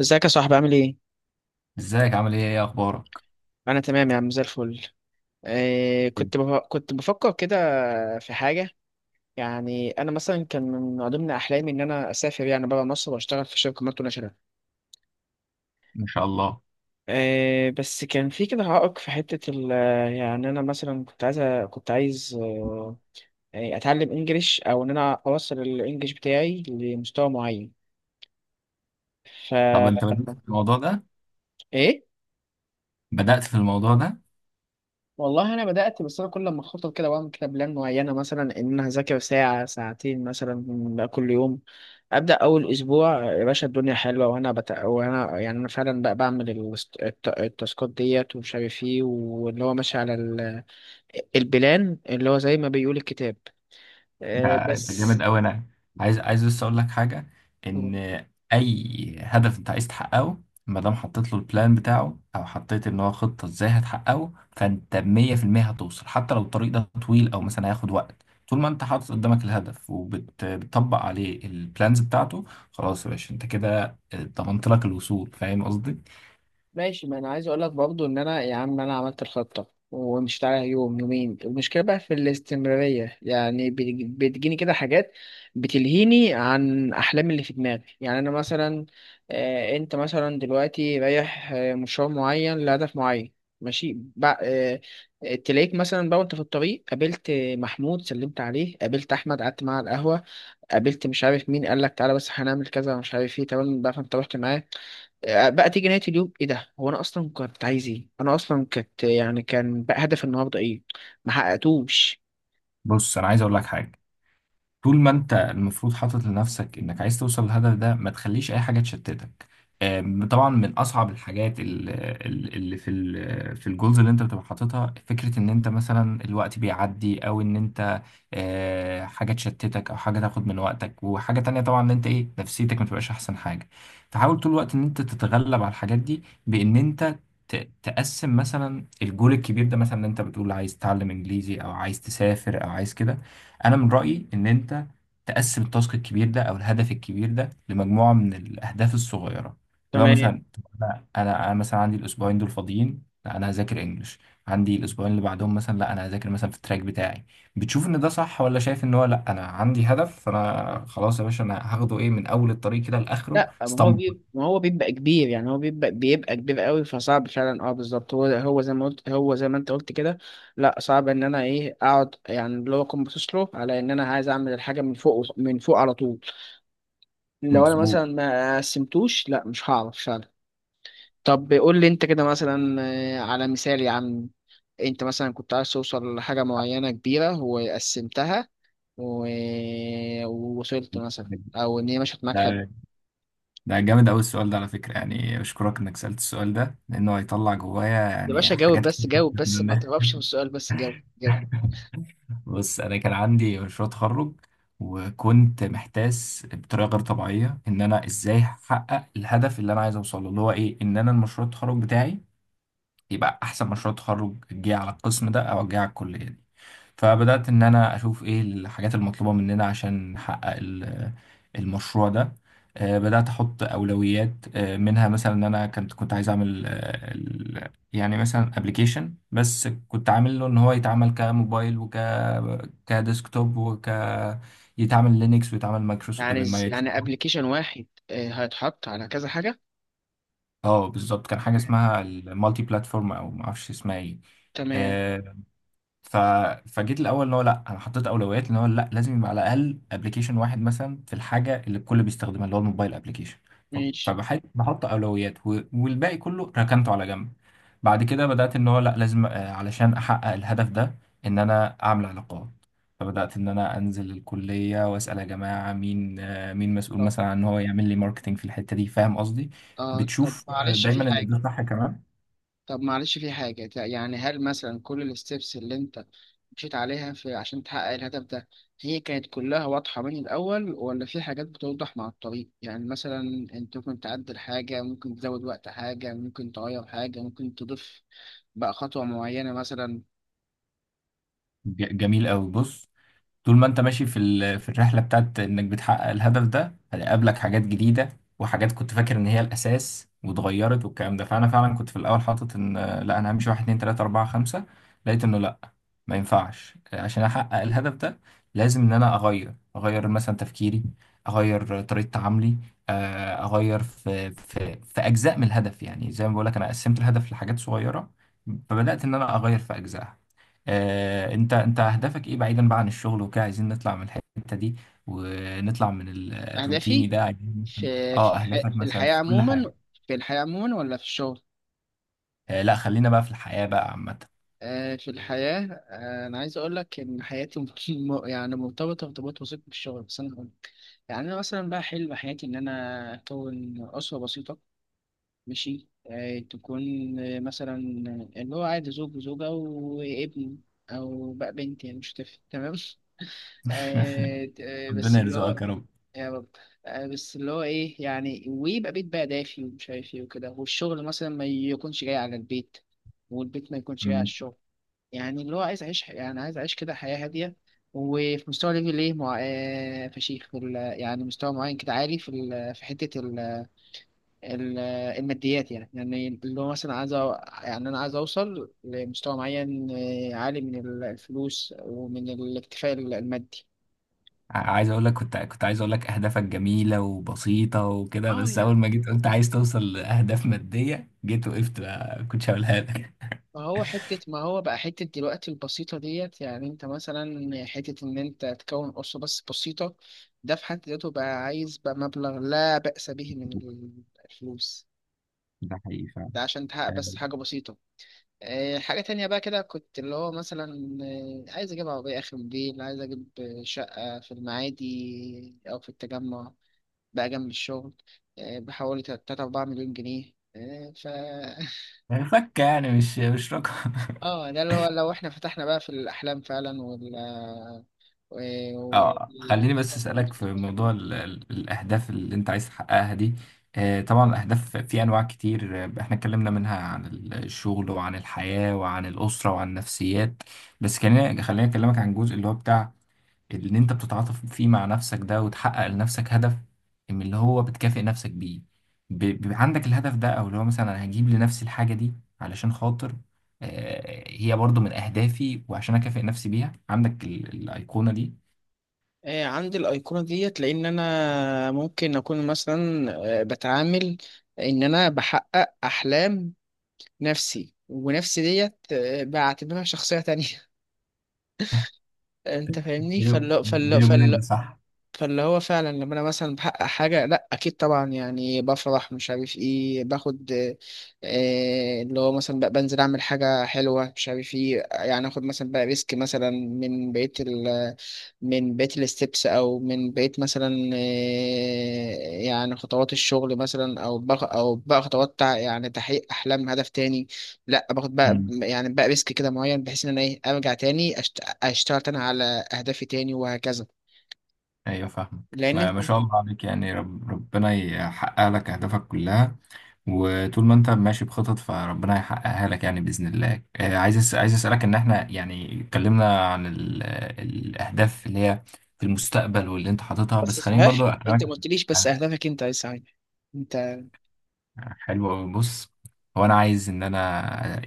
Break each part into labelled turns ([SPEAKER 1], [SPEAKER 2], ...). [SPEAKER 1] ازيك يا صاحبي، عامل ايه؟
[SPEAKER 2] ازيك عامل ايه، ايه اخبارك؟
[SPEAKER 1] انا تمام يا عم، زي الفل. إيه،
[SPEAKER 2] إيه.
[SPEAKER 1] كنت بفكر كده في حاجة. يعني انا مثلا كان من ضمن احلامي ان انا اسافر يعني بره مصر واشتغل في شركة مالتي ناشونال.
[SPEAKER 2] ان شاء الله.
[SPEAKER 1] إيه، بس كان في كده عائق في حتة. يعني انا مثلا كنت عايز يعني اتعلم انجليش او ان انا اوصل الانجليش بتاعي لمستوى معين. ف
[SPEAKER 2] طب انت بدأت في الموضوع ده؟
[SPEAKER 1] ايه،
[SPEAKER 2] بدأت في الموضوع ده؟
[SPEAKER 1] والله انا بدات، بس انا كل لما اخطط كده بعمل كده بلان معينه، مثلا ان انا هذاكر ساعه ساعتين مثلا كل يوم. ابدا اول اسبوع يا باشا الدنيا حلوه، وانا يعني انا فعلا بقى بعمل التاسكات ديت ومش عارف ايه، واللي هو ماشي على البلان اللي هو زي ما بيقول الكتاب.
[SPEAKER 2] ده جامد
[SPEAKER 1] بس.
[SPEAKER 2] قوي. انا عايز بس اقول لك حاجة. ان اي هدف انت عايز تحققه، ما دام حطيت له البلان بتاعه، او حطيت ان هو خطة ازاي هتحققه، فانت 100% هتوصل، حتى لو الطريق ده طويل او مثلا هياخد وقت، طول ما انت حاطط قدامك الهدف وبتطبق عليه البلانز بتاعته. خلاص يا باشا، انت كده ضمنت لك الوصول. فاهم قصدي؟
[SPEAKER 1] ماشي، ما انا عايز اقول لك برضو ان انا يا عم انا عملت الخطه ومشيت عليها يوم يومين. المشكله بقى في الاستمراريه، يعني بتجيني كده حاجات بتلهيني عن احلامي اللي في دماغي. يعني انا مثلا انت مثلا دلوقتي رايح مشوار معين لهدف معين. ماشي بقى. تلاقيك مثلا بقى وانت في الطريق قابلت محمود، سلمت عليه، قابلت احمد قعدت معاه على القهوه، قابلت مش عارف مين قال لك تعالى بس هنعمل كذا مش عارف ايه، تمام بقى فانت رحت معاه. بقى تيجي نهاية اليوم، ايه ده؟ هو انا اصلا كنت عايز ايه؟ انا اصلا كنت، يعني كان بقى هدف النهارده ايه؟ ما حققتوش.
[SPEAKER 2] بص انا عايز اقول لك حاجة. طول ما انت المفروض حاطط لنفسك انك عايز توصل للهدف ده، ما تخليش اي حاجه تشتتك. طبعا من اصعب الحاجات في الجولز اللي انت بتبقى حاططها، فكره ان انت مثلا الوقت بيعدي، او ان انت حاجه تشتتك او حاجه تاخد من وقتك، وحاجه تانية طبعا ان انت ايه نفسيتك، ما تبقاش احسن حاجه. فحاول طول الوقت ان انت تتغلب على الحاجات دي بان انت تقسم مثلا الجول الكبير ده. مثلا ان انت بتقول عايز تتعلم انجليزي، او عايز تسافر، او عايز كده، انا من رايي ان انت تقسم التاسك الكبير ده او الهدف الكبير ده لمجموعه من الاهداف الصغيره. لو
[SPEAKER 1] تمام.
[SPEAKER 2] مثلا، طب انا انا أنا مثلا عندي الاسبوعين دول فاضيين، لا انا هذاكر انجلش. عندي الاسبوعين اللي بعدهم مثلا، لا انا هذاكر مثلا في التراك بتاعي. بتشوف ان ده صح، ولا شايف ان هو لا انا عندي هدف، فانا خلاص يا باشا انا هاخده ايه من اول الطريق كده لاخره
[SPEAKER 1] لا، ما هو بيبقى
[SPEAKER 2] اسطمبة.
[SPEAKER 1] كبير. يعني هو بيبقى كبير قوي، فصعب فعلا. اه بالظبط، هو زي ما انت قلت كده. لا، صعب ان انا ايه، اقعد يعني اللي هو اكون باصص له على ان انا عايز اعمل الحاجه من فوق، من فوق على طول. لو انا
[SPEAKER 2] مظبوط.
[SPEAKER 1] مثلا ما قسمتوش لا، مش هعرف فعلا. طب قول لي انت كده مثلا، على مثال يا عم. انت مثلا كنت عايز توصل لحاجة معينة كبيرة وقسمتها و... ووصلت مثلا، او ان هي مشيت معاك حلو.
[SPEAKER 2] ده ده جامد قوي السؤال ده على فكره. يعني اشكرك انك سالت السؤال ده، لانه هيطلع جوايا
[SPEAKER 1] يا
[SPEAKER 2] يعني
[SPEAKER 1] باشا جاوب،
[SPEAKER 2] حاجات
[SPEAKER 1] بس
[SPEAKER 2] كتير.
[SPEAKER 1] جاوب، بس ما تهربش من السؤال، بس جاوب جاوب.
[SPEAKER 2] بص، انا كان عندي مشروع تخرج، وكنت محتاس بطريقه غير طبيعيه ان انا ازاي احقق الهدف اللي انا عايز اوصله، اللي هو ايه، ان انا المشروع التخرج بتاعي يبقى احسن مشروع تخرج جه على القسم ده او جه على الكليه دي. فبدأت إن أنا أشوف إيه الحاجات المطلوبة مننا عشان نحقق المشروع ده. بدأت أحط أولويات، منها مثلا إن أنا كنت عايز أعمل يعني مثلا أبليكيشن، بس كنت عامل له إن هو يتعمل كموبايل، وك كديسكتوب، وك يتعمل لينكس، ويتعمل مايكروسوفت،
[SPEAKER 1] يعني
[SPEAKER 2] مايكرو.
[SPEAKER 1] يعني ابلكيشن واحد هيتحط على كذا حاجة.
[SPEAKER 2] اه بالظبط، كان حاجة اسمها المالتي بلاتفورم أو معرفش اسمها إيه.
[SPEAKER 1] تمام.
[SPEAKER 2] آه، ف... فجيت الاول، اللي هو لا انا حطيت اولويات ان هو لا لازم يبقى على الاقل ابلكيشن واحد مثلا في الحاجه اللي الكل بيستخدمها، اللي هو الموبايل ابلكيشن.
[SPEAKER 1] ماشي.
[SPEAKER 2] فبحط اولويات، والباقي كله ركنته على جنب. بعد كده بدات ان هو لا لازم، علشان احقق الهدف ده، ان انا اعمل علاقات. فبدات ان انا انزل الكليه واسال يا جماعه، مين مين مسؤول
[SPEAKER 1] طب،
[SPEAKER 2] مثلا عن ان هو يعمل لي ماركتنج في الحته دي. فاهم قصدي؟
[SPEAKER 1] اه طب
[SPEAKER 2] بتشوف
[SPEAKER 1] معلش في
[SPEAKER 2] دايما ان
[SPEAKER 1] حاجة.
[SPEAKER 2] ده صح كمان.
[SPEAKER 1] طب معلش في حاجة، يعني هل مثلا كل الستبس اللي انت مشيت عليها في عشان تحقق الهدف ده هي كانت كلها واضحة من الأول، ولا في حاجات بتوضح مع الطريق؟ يعني مثلا انت ممكن تعدل حاجة، ممكن تزود وقت حاجة، ممكن تغير حاجة، ممكن تضيف بقى خطوة معينة مثلا.
[SPEAKER 2] جميل قوي. بص، طول ما انت ماشي في الرحله بتاعت انك بتحقق الهدف ده، هيقابلك حاجات جديده، وحاجات كنت فاكر ان هي الاساس واتغيرت، والكلام ده. فانا فعلا كنت في الاول حاطط ان لا انا همشي واحد، اتنين، تلاته، اربعه، خمسه. لقيت انه لا، ما ينفعش. عشان احقق الهدف ده، لازم ان انا اغير اغير مثلا تفكيري، اغير طريقه تعاملي، اغير في اجزاء من الهدف. يعني زي ما بقول لك، انا قسمت الهدف لحاجات صغيره، فبدات ان انا اغير في اجزاء. انت اهدافك ايه بعيدا بقى عن الشغل وكده؟ عايزين نطلع من الحتة دي، ونطلع من الروتيني
[SPEAKER 1] أهدافي
[SPEAKER 2] ده. عايزين مثلاً.
[SPEAKER 1] في
[SPEAKER 2] اه،
[SPEAKER 1] الحياة.
[SPEAKER 2] اهدافك
[SPEAKER 1] في
[SPEAKER 2] مثلا
[SPEAKER 1] الحياة
[SPEAKER 2] في كل
[SPEAKER 1] عموما.
[SPEAKER 2] حاجة.
[SPEAKER 1] في الحياة عموما ولا في الشغل؟
[SPEAKER 2] آه لا، خلينا بقى في الحياة بقى عامة.
[SPEAKER 1] آه في الحياة. آه أنا عايز أقول لك إن حياتي يعني مرتبطة ارتباط وثيق بالشغل، بس أنا يعني أنا مثلا بقى حلم حياتي إن أنا أكون أسرة بسيطة. ماشي، تكون مثلا اللي هو عادي زوج وزوجة وابن، أو بقى بنت، يعني مش هتفرق، تمام. بس
[SPEAKER 2] ربنا
[SPEAKER 1] اللي هو،
[SPEAKER 2] يرزقك يا رب.
[SPEAKER 1] يا رب. بس اللي هو إيه يعني، ويبقى بيت بقى دافي ومش عارف إيه وكده، والشغل مثلا ما يكونش جاي على البيت، والبيت ما يكونش جاي على
[SPEAKER 2] مم.
[SPEAKER 1] الشغل. يعني اللي هو عايز اعيش يعني عايز اعيش كده حياة هادية، وفي مستوى ليفل ايه مع... آه، فشيخ في يعني مستوى معين كده عالي في في حتة ال... الماديات. يعني اللي هو مثلا يعني انا عايز اوصل لمستوى معين عالي من الفلوس ومن الاكتفاء المادي.
[SPEAKER 2] عايز اقول لك، كنت عايز اقول لك اهدافك جميلة وبسيطة وكده،
[SPEAKER 1] اه
[SPEAKER 2] بس اول
[SPEAKER 1] يعني،
[SPEAKER 2] ما جيت قلت عايز توصل لاهداف مادية جيت وقفت بقى، كنتش هقولها لك.
[SPEAKER 1] ما هو بقى حتة دلوقتي البسيطة ديت، يعني انت مثلا حتة ان انت تكون أسرة بس بسيطة، ده في حد ذاته بقى عايز بقى مبلغ لا بأس به من الفلوس،
[SPEAKER 2] ده حقيقي فعلا.
[SPEAKER 1] ده عشان تحقق بس حاجة بسيطة. حاجة تانية بقى كده كنت اللي هو مثلا عايز أجيب عربية آخر موديل، عايز أجيب شقة في المعادي أو في التجمع بقى جنب الشغل، بحوالي 3 4 مليون جنيه.
[SPEAKER 2] فكة يعني، مش رقم.
[SPEAKER 1] اه ده اللي هو لو احنا فتحنا بقى في الأحلام فعلا،
[SPEAKER 2] اه خليني
[SPEAKER 1] والأهداف
[SPEAKER 2] بس
[SPEAKER 1] اللي انت
[SPEAKER 2] اسالك
[SPEAKER 1] كنت
[SPEAKER 2] في
[SPEAKER 1] بتحبها.
[SPEAKER 2] موضوع ال الاهداف اللي انت عايز تحققها دي. آه طبعا، الاهداف في انواع كتير. احنا اتكلمنا منها عن الشغل، وعن الحياه، وعن الاسره، وعن النفسيات. بس خليني اكلمك عن الجزء اللي هو بتاع اللي انت بتتعاطف فيه مع نفسك ده وتحقق لنفسك هدف. من اللي هو بتكافئ نفسك بيه، بيبقى عندك الهدف ده، او اللي هو مثلا انا هجيب لنفسي الحاجه دي علشان خاطر، هي برضو من اهدافي، وعشان اكافئ نفسي بيها، عندك الايقونه دي.
[SPEAKER 1] عندي الأيقونة ديت لأن أنا ممكن أكون مثلا بتعامل إن أنا بحقق أحلام نفسي، ونفسي ديت بعتبرها شخصية تانية. أنت فاهمني.
[SPEAKER 2] بيني
[SPEAKER 1] فال
[SPEAKER 2] بيني وبينك ده صح.
[SPEAKER 1] فاللي هو فعلا لما انا مثلا بحقق حاجه، لا اكيد طبعا يعني بفرح مش عارف ايه، باخد اللي هو مثلا بقى بنزل اعمل حاجه حلوه مش عارف ايه، يعني اخد مثلا بقى ريسك مثلا من بقيه الستبس، او من بقيه مثلا يعني خطوات الشغل مثلا، او بقى خطوات يعني تحقيق احلام هدف تاني. لا، باخد بقى
[SPEAKER 2] امم.
[SPEAKER 1] يعني بقى ريسك كده معين بحيث ان انا ايه، ارجع تاني اشتغل تاني على اهدافي تاني وهكذا.
[SPEAKER 2] ايوه فاهمك.
[SPEAKER 1] لان
[SPEAKER 2] ما,
[SPEAKER 1] انت،
[SPEAKER 2] ما شاء الله عليك. يعني ربنا يحقق لك اهدافك كلها. وطول ما انت ماشي بخطط، فربنا هيحققها لك يعني باذن الله. عايز اسالك ان احنا يعني اتكلمنا عن الاهداف اللي هي في المستقبل واللي انت حاططها،
[SPEAKER 1] بس
[SPEAKER 2] بس خليني
[SPEAKER 1] صحيح
[SPEAKER 2] برضو اكلمك.
[SPEAKER 1] انت ما قلتليش بس اهدافك انت يا سعيد. انت.
[SPEAKER 2] حلو أوي. بص، هو أنا عايز إن أنا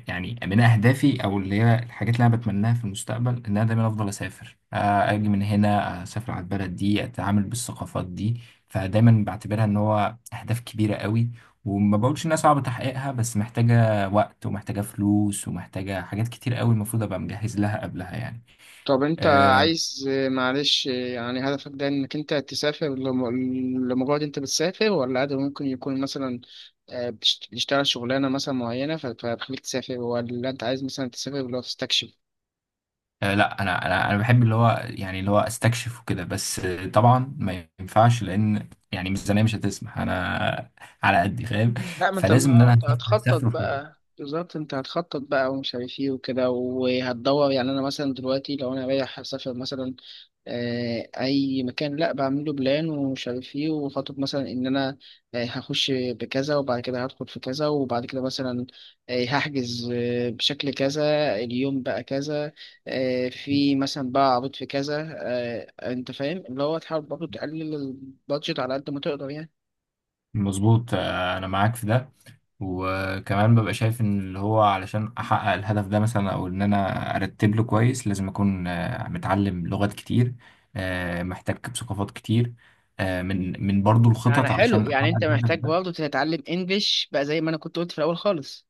[SPEAKER 2] يعني من أهدافي، أو اللي هي الحاجات اللي أنا بتمناها في المستقبل، إن أنا دايما أفضل أسافر. أجي من هنا، أسافر على البلد دي، أتعامل بالثقافات دي. فدايما بعتبرها إن هو أهداف كبيرة قوي، وما بقولش إنها صعب تحقيقها، بس محتاجة وقت ومحتاجة فلوس ومحتاجة حاجات كتير قوي المفروض أبقى مجهز لها قبلها يعني.
[SPEAKER 1] طب انت
[SPEAKER 2] آه،
[SPEAKER 1] عايز، معلش يعني هدفك ده، انك انت تسافر لمجرد انت بتسافر، ولا هدف ممكن يكون مثلا بتشتغل شغلانة مثلا معينة فبتخليك تسافر، ولا انت عايز مثلا تسافر لو تستكشف؟
[SPEAKER 2] لا انا بحب اللي هو يعني اللي هو استكشف وكده، بس طبعا ما ينفعش، لان يعني ميزانيه مش هتسمح. انا على قدي، فاهم.
[SPEAKER 1] لا، ما انت
[SPEAKER 2] فلازم ان
[SPEAKER 1] ما
[SPEAKER 2] انا
[SPEAKER 1] انت
[SPEAKER 2] هسافر
[SPEAKER 1] هتخطط
[SPEAKER 2] هسافر فوق.
[SPEAKER 1] بقى بالظبط، انت هتخطط بقى ومش عارف ايه وكده، وهتدور. يعني انا مثلا دلوقتي لو انا رايح اسافر مثلا اي مكان، لا بعمله بلان ومش عارف ايه وخطط، مثلا ان انا هخش بكذا، وبعد كده هدخل في كذا، وبعد كده مثلا هحجز بشكل كذا، اليوم بقى كذا، في مثلا بقى عرض في كذا. انت فاهم، اللي هو تحاول برضه تقلل البادجت على قد ما تقدر يعني.
[SPEAKER 2] مظبوط. انا معاك في ده، وكمان ببقى شايف ان اللي هو علشان احقق الهدف ده مثلا، او ان انا ارتب له كويس، لازم اكون متعلم لغات كتير، محتاج بثقافات كتير، من برضو
[SPEAKER 1] يعني
[SPEAKER 2] الخطط
[SPEAKER 1] حلو،
[SPEAKER 2] علشان احقق
[SPEAKER 1] يعني انت
[SPEAKER 2] الهدف
[SPEAKER 1] محتاج
[SPEAKER 2] ده.
[SPEAKER 1] برضه تتعلم انجليش بقى زي ما انا كنت قلت في الاول خالص.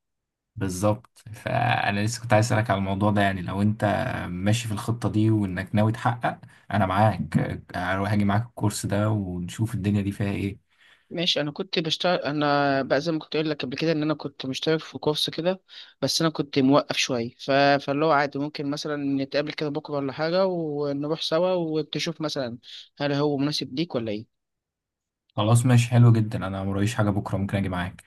[SPEAKER 2] بالظبط، فانا لسه كنت عايز اسالك على الموضوع ده. يعني لو انت ماشي في الخطه دي، وانك ناوي تحقق، انا معاك. هروح اجي معاك الكورس ده ونشوف الدنيا دي فيها ايه.
[SPEAKER 1] ماشي، انا كنت بشتغل، انا بقى زي ما كنت اقول لك قبل كده ان انا كنت مشترك في كورس كده، بس انا كنت موقف شويه فاللي هو عادي ممكن مثلا نتقابل كده بكره ولا حاجه ونروح سوا، وتشوف مثلا هل هو مناسب ليك ولا ايه.
[SPEAKER 2] خلاص ماشي، حلو جدا. انا مرايش حاجه بكره، ممكن اجي معاك.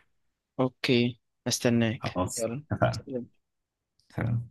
[SPEAKER 1] اوكي، استناك،
[SPEAKER 2] خلاص
[SPEAKER 1] يلا.
[SPEAKER 2] اتفقنا. سلام.